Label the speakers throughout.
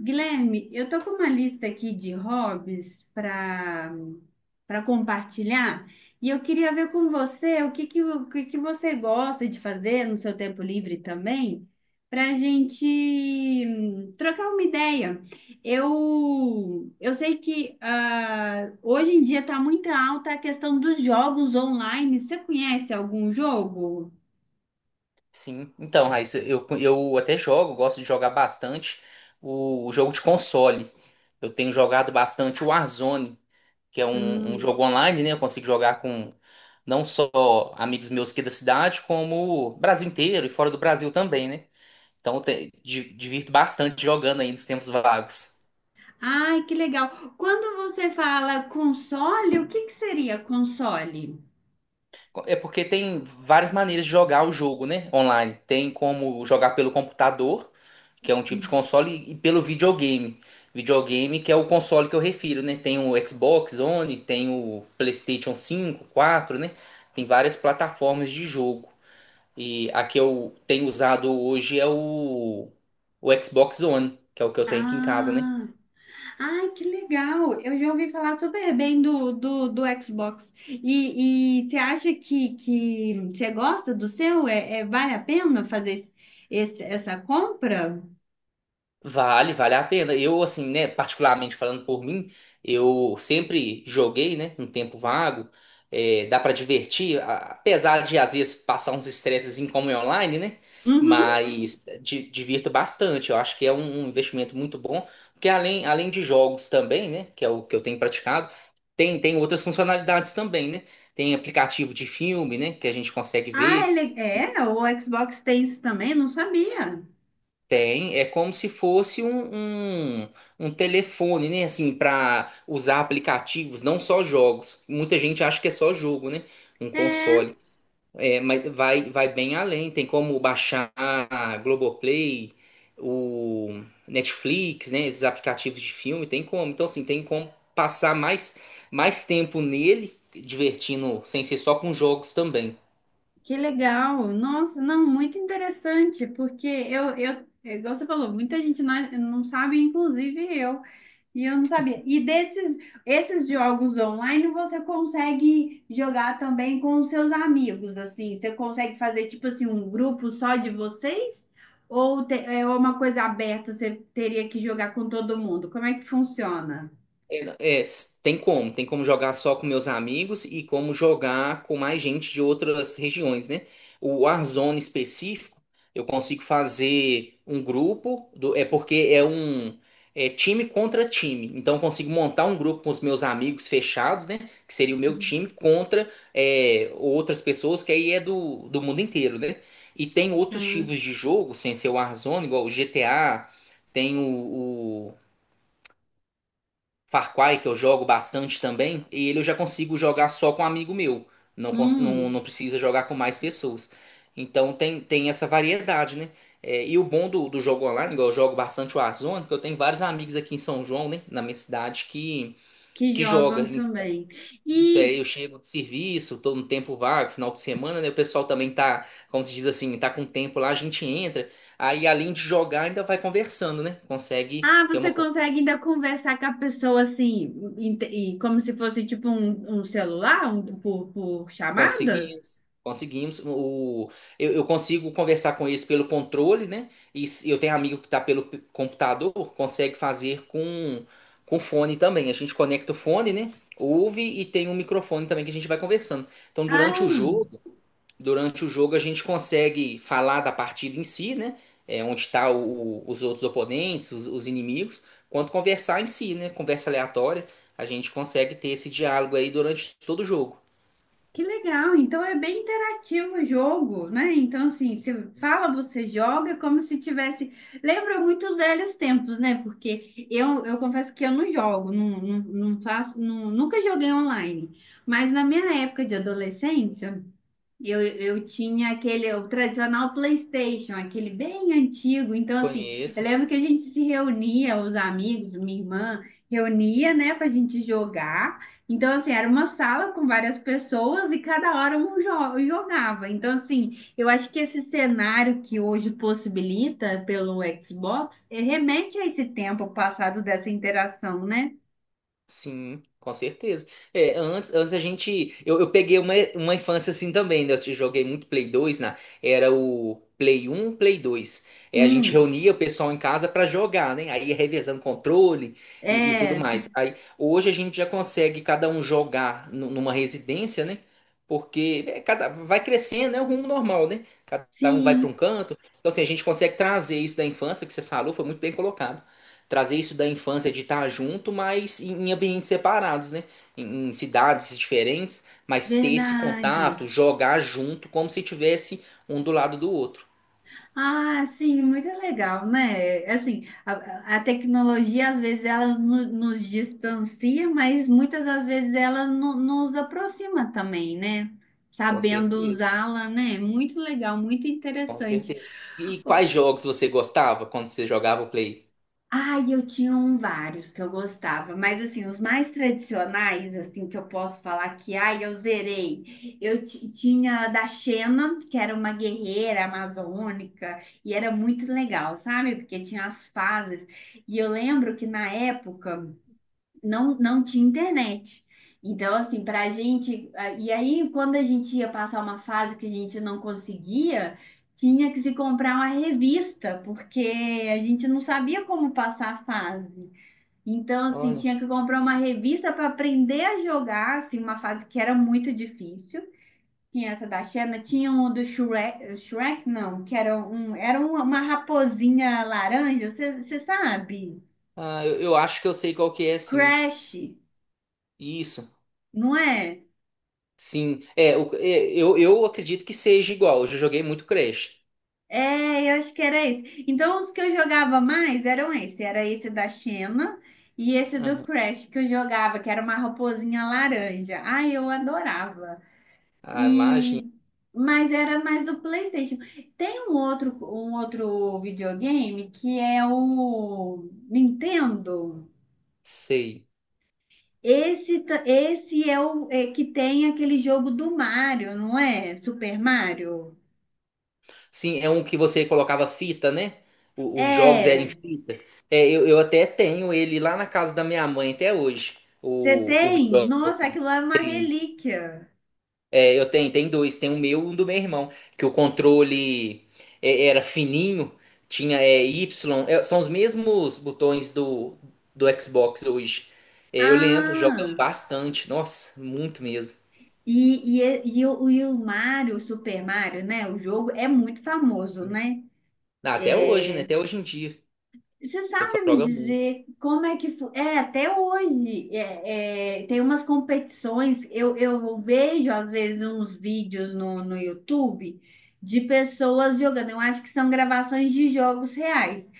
Speaker 1: Guilherme, eu tô com uma lista aqui de hobbies para compartilhar e eu queria ver com você o que que você gosta de fazer no seu tempo livre também, para a gente trocar uma ideia. Eu sei que hoje em dia está muito alta a questão dos jogos online. Você conhece algum jogo?
Speaker 2: Sim, então, Raíssa, eu até jogo, gosto de jogar bastante o jogo de console. Eu tenho jogado bastante o Warzone, que é um jogo online, né? Eu consigo jogar com não só amigos meus aqui da cidade, como o Brasil inteiro e fora do Brasil também, né? Então, divirto bastante jogando aí nos tempos vagos.
Speaker 1: Ai, que legal. Quando você fala console, o que que seria console?
Speaker 2: É porque tem várias maneiras de jogar o jogo, né? Online. Tem como jogar pelo computador, que é um tipo de console, e pelo videogame. Videogame, que é o console que eu refiro, né? Tem o Xbox One, tem o PlayStation 5, 4, né? Tem várias plataformas de jogo. E a que eu tenho usado hoje é o Xbox One, que é o que eu tenho aqui em casa, né?
Speaker 1: Ah, ai, que legal. Eu já ouvi falar super bem do Xbox. E você acha que você gosta do seu? Vale a pena fazer essa compra?
Speaker 2: Vale, vale a pena. Eu, assim, né, particularmente falando por mim, eu sempre joguei, né, um tempo vago. É, dá pra divertir, apesar de às vezes passar uns estresses em como é online, né?
Speaker 1: Uhum.
Speaker 2: Mas divirto bastante. Eu acho que é um investimento muito bom, porque além de jogos também, né, que é o que eu tenho praticado, tem outras funcionalidades também, né? Tem aplicativo de filme, né, que a gente consegue
Speaker 1: Ah,
Speaker 2: ver.
Speaker 1: ele, é, o Xbox tem isso também? Não sabia.
Speaker 2: Tem, é como se fosse um telefone, né? Assim, para usar aplicativos, não só jogos. Muita gente acha que é só jogo, né? Um console.
Speaker 1: É.
Speaker 2: É, mas vai, vai bem além. Tem como baixar a Globoplay, o Netflix, né? Esses aplicativos de filme, tem como. Então, assim, tem como passar mais tempo nele, divertindo, sem ser só com jogos também.
Speaker 1: Que legal! Nossa, não, muito interessante, porque é igual você falou, muita gente não sabe, inclusive eu, e eu não sabia. Esses jogos online você consegue jogar também com os seus amigos, assim, você consegue fazer tipo assim um grupo só de vocês? É uma coisa aberta, você teria que jogar com todo mundo? Como é que funciona?
Speaker 2: É, tem como jogar só com meus amigos e como jogar com mais gente de outras regiões, né? O Warzone específico, eu consigo fazer um grupo, do, é porque é um time contra time. Então eu consigo montar um grupo com os meus amigos fechados, né? Que seria o meu time contra é, outras pessoas que aí é do mundo inteiro, né? E tem outros
Speaker 1: Ah,
Speaker 2: tipos de jogo, sem ser o Warzone, igual o GTA, tem o, Far Cry, que eu jogo bastante também, e ele eu já consigo jogar só com um amigo meu. Não,
Speaker 1: hum,
Speaker 2: não precisa jogar com mais pessoas. Então tem essa variedade, né? É, e o bom do jogo online, igual eu jogo bastante o Warzone, que eu tenho vários amigos aqui em São João, né? Na minha cidade,
Speaker 1: que
Speaker 2: que joga.
Speaker 1: jogam
Speaker 2: Então,
Speaker 1: também.
Speaker 2: é,
Speaker 1: E
Speaker 2: eu chego do serviço, tô no tempo vago, final de semana, né? O pessoal também tá, como se diz assim, tá com tempo lá, a gente entra. Aí além de jogar, ainda vai conversando, né? Consegue
Speaker 1: ah,
Speaker 2: ter
Speaker 1: você
Speaker 2: uma.
Speaker 1: consegue ainda conversar com a pessoa assim, e como se fosse tipo um celular, por chamada?
Speaker 2: Conseguimos, conseguimos. Eu consigo conversar com eles pelo controle, né? E eu tenho amigo que está pelo computador, consegue fazer com fone também. A gente conecta o fone, né? Ouve e tem um microfone também que a gente vai conversando. Então, durante o
Speaker 1: Ah,
Speaker 2: jogo, durante o jogo, a gente consegue falar da partida em si, né? É, onde está os outros oponentes, os inimigos, quanto conversar em si, né? Conversa aleatória. A gente consegue ter esse diálogo aí durante todo o jogo.
Speaker 1: que legal. Então é bem interativo o jogo, né? Então, assim, você fala, você joga como se tivesse. Lembra muito os velhos tempos, né? Porque eu confesso que eu não jogo, não, não, não faço, não- nunca joguei online. Mas na minha época de adolescência, eu tinha aquele, o tradicional PlayStation, aquele bem antigo. Então, assim, eu
Speaker 2: Conheço.
Speaker 1: lembro que a gente se reunia, os amigos, minha irmã, reunia, né, pra gente jogar. Então, assim, era uma sala com várias pessoas e cada hora um jogava. Então, assim, eu acho que esse cenário que hoje possibilita pelo Xbox remete a esse tempo passado dessa interação, né?
Speaker 2: Sim, com certeza. É, antes a gente. Eu peguei uma infância assim também, né? Joguei muito Play 2, né? Era o Play 1, Play 2. É, a gente
Speaker 1: Hum,
Speaker 2: reunia o pessoal em casa pra jogar, né? Aí ia revezando controle e tudo
Speaker 1: é,
Speaker 2: mais. Aí, hoje a gente já consegue cada um jogar numa residência, né? Porque é, cada, vai crescendo, é o rumo normal, né? Cada um vai pra um
Speaker 1: sim,
Speaker 2: canto. Então, assim, a gente consegue trazer isso da infância que você falou, foi muito bem colocado, trazer isso da infância de estar junto, mas em ambientes separados, né? Em cidades diferentes, mas ter esse contato,
Speaker 1: verdade.
Speaker 2: jogar junto, como se tivesse um do lado do outro.
Speaker 1: Ah, sim, muito legal, né? Assim, a tecnologia às vezes ela nos distancia, mas muitas das vezes ela nos aproxima também, né?
Speaker 2: Com
Speaker 1: Sabendo
Speaker 2: certeza,
Speaker 1: usá-la, né? Muito legal, muito
Speaker 2: com
Speaker 1: interessante.
Speaker 2: certeza. E quais jogos você gostava quando você jogava o Play?
Speaker 1: Ai, eu tinha um vários que eu gostava, mas assim, os mais tradicionais, assim, que eu posso falar que, ai, eu zerei. Tinha a da Xena, que era uma guerreira amazônica, e era muito legal, sabe? Porque tinha as fases. E eu lembro que na época não tinha internet. Então, assim, para a gente. E aí, quando a gente ia passar uma fase que a gente não conseguia, tinha que se comprar uma revista, porque a gente não sabia como passar a fase. Então, assim,
Speaker 2: Olha,
Speaker 1: tinha que comprar uma revista para aprender a jogar, assim, uma fase que era muito difícil. Tinha essa da Xena, tinha um do Shrek, Shrek não, que era era uma raposinha laranja, você sabe?
Speaker 2: ah, eu acho que eu sei qual que é, sim.
Speaker 1: Crash,
Speaker 2: Isso,
Speaker 1: não é?
Speaker 2: sim. É, eu acredito que seja igual. Eu já joguei muito Crash.
Speaker 1: É, eu acho que era esse. Então, os que eu jogava mais eram esse. Era esse da Xena e esse do
Speaker 2: Aham.
Speaker 1: Crash que eu jogava, que era uma raposinha laranja. Ai, eu adorava.
Speaker 2: Ah, imagina,
Speaker 1: E mas era mais do PlayStation. Tem um outro videogame que é o Nintendo.
Speaker 2: sei.
Speaker 1: Esse é o é que tem aquele jogo do Mario, não é? Super Mario.
Speaker 2: Sim, é um que você colocava fita, né? Os jogos eram em
Speaker 1: É.
Speaker 2: fita. É, eu até tenho ele lá na casa da minha mãe até hoje.
Speaker 1: Você
Speaker 2: O
Speaker 1: tem?
Speaker 2: videogame.
Speaker 1: Nossa, aquilo lá é uma relíquia.
Speaker 2: É, eu tenho, tem dois, tem o meu e um do meu irmão. Que o controle é, era fininho, tinha Y, são os mesmos botões do Xbox hoje. É, eu lembro,
Speaker 1: Ah,
Speaker 2: jogando bastante. Nossa, muito mesmo.
Speaker 1: e o Mario, o Super Mario, né? O jogo é muito famoso, né?
Speaker 2: Ah, até hoje, né? Até hoje em dia.
Speaker 1: Você
Speaker 2: O
Speaker 1: sabe
Speaker 2: pessoal
Speaker 1: me
Speaker 2: joga muito.
Speaker 1: dizer como é que foi? Até hoje tem umas competições. Eu vejo, às vezes, uns vídeos no YouTube de pessoas jogando. Eu acho que são gravações de jogos reais.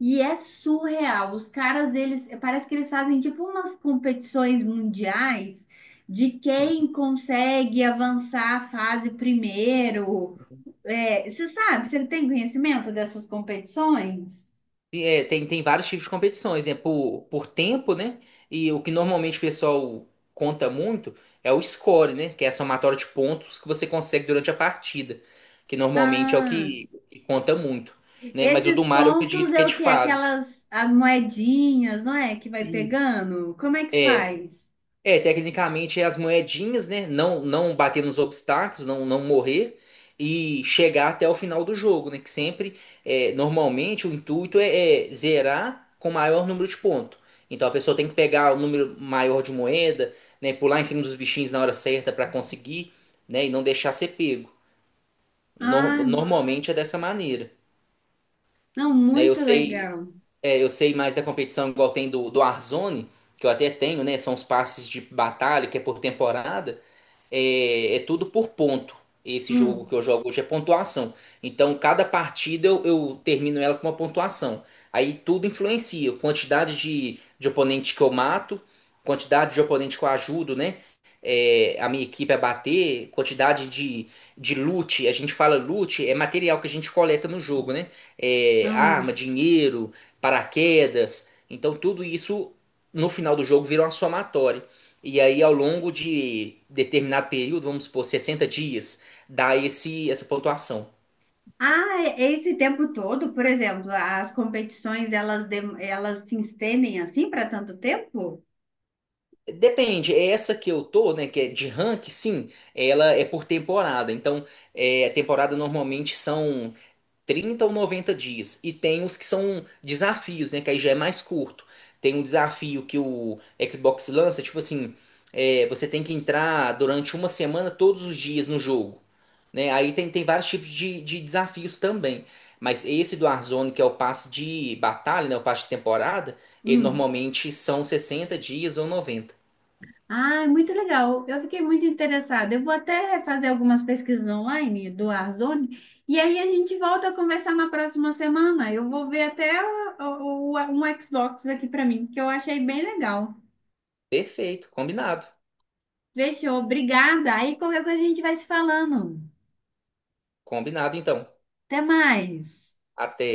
Speaker 1: E é surreal. Os caras, eles parece que eles fazem tipo umas competições mundiais de quem consegue avançar a fase primeiro. É, você sabe, você tem conhecimento dessas competições?
Speaker 2: É, tem vários tipos de competições, né? Por tempo, né? E o que normalmente o pessoal conta muito é o score, né? Que é a somatória de pontos que você consegue durante a partida, que normalmente é o
Speaker 1: Ah,
Speaker 2: que conta muito, né? Mas o
Speaker 1: esses
Speaker 2: do Mario eu
Speaker 1: pontos
Speaker 2: acredito que é
Speaker 1: é o
Speaker 2: de
Speaker 1: que?
Speaker 2: fase.
Speaker 1: Aquelas as moedinhas, não é? Que vai
Speaker 2: Isso.
Speaker 1: pegando? Como é que
Speaker 2: É,
Speaker 1: faz?
Speaker 2: Tecnicamente é as moedinhas, né? Não, não bater nos obstáculos, não, não morrer e chegar até o final do jogo, né? Que sempre, é, normalmente, o intuito é zerar com o maior número de pontos. Então a pessoa tem que pegar o número maior de moeda, né? Pular em cima dos bichinhos na hora certa para conseguir, né? E não deixar ser pego.
Speaker 1: Ah,
Speaker 2: Normalmente é dessa maneira.
Speaker 1: não,
Speaker 2: Né? Eu
Speaker 1: muito
Speaker 2: sei,
Speaker 1: legal.
Speaker 2: é, eu sei mais da competição, igual tem do Warzone, que eu até tenho, né? São os passes de batalha, que é por temporada. É tudo por ponto. Esse jogo que
Speaker 1: Hum,
Speaker 2: eu jogo hoje é pontuação. Então, cada partida eu termino ela com uma pontuação. Aí tudo influencia. Quantidade de oponente que eu mato, quantidade de oponente que eu ajudo, né? É, a minha equipe a bater, quantidade de, loot. A gente fala loot, é material que a gente coleta no jogo, né? É,
Speaker 1: ah.
Speaker 2: arma, dinheiro, paraquedas. Então tudo isso no final do jogo vira uma somatória. E aí ao longo de determinado período, vamos supor 60 dias, dá esse essa pontuação.
Speaker 1: Esse tempo todo, por exemplo, as competições elas, elas se estendem assim para tanto tempo?
Speaker 2: Depende, é essa que eu tô, né, que é de rank, sim, ela é por temporada. Então, é, a temporada normalmente são 30 ou 90 dias. E tem os que são desafios, né? Que aí já é mais curto. Tem um desafio que o Xbox lança, tipo assim, é, você tem que entrar durante uma semana todos os dias no jogo. Né? Aí tem vários tipos de desafios também. Mas esse do Warzone, que é o passe de batalha, né? O passe de temporada, ele
Speaker 1: Hum.
Speaker 2: normalmente são 60 dias ou 90.
Speaker 1: Ah, é muito legal. Eu fiquei muito interessada. Eu vou até fazer algumas pesquisas online do Arzoni e aí a gente volta a conversar na próxima semana. Eu vou ver até um Xbox aqui para mim, que eu achei bem legal.
Speaker 2: Perfeito, combinado.
Speaker 1: Fechou, obrigada. Aí qualquer coisa a gente vai se falando.
Speaker 2: Combinado então.
Speaker 1: Até mais.
Speaker 2: Até.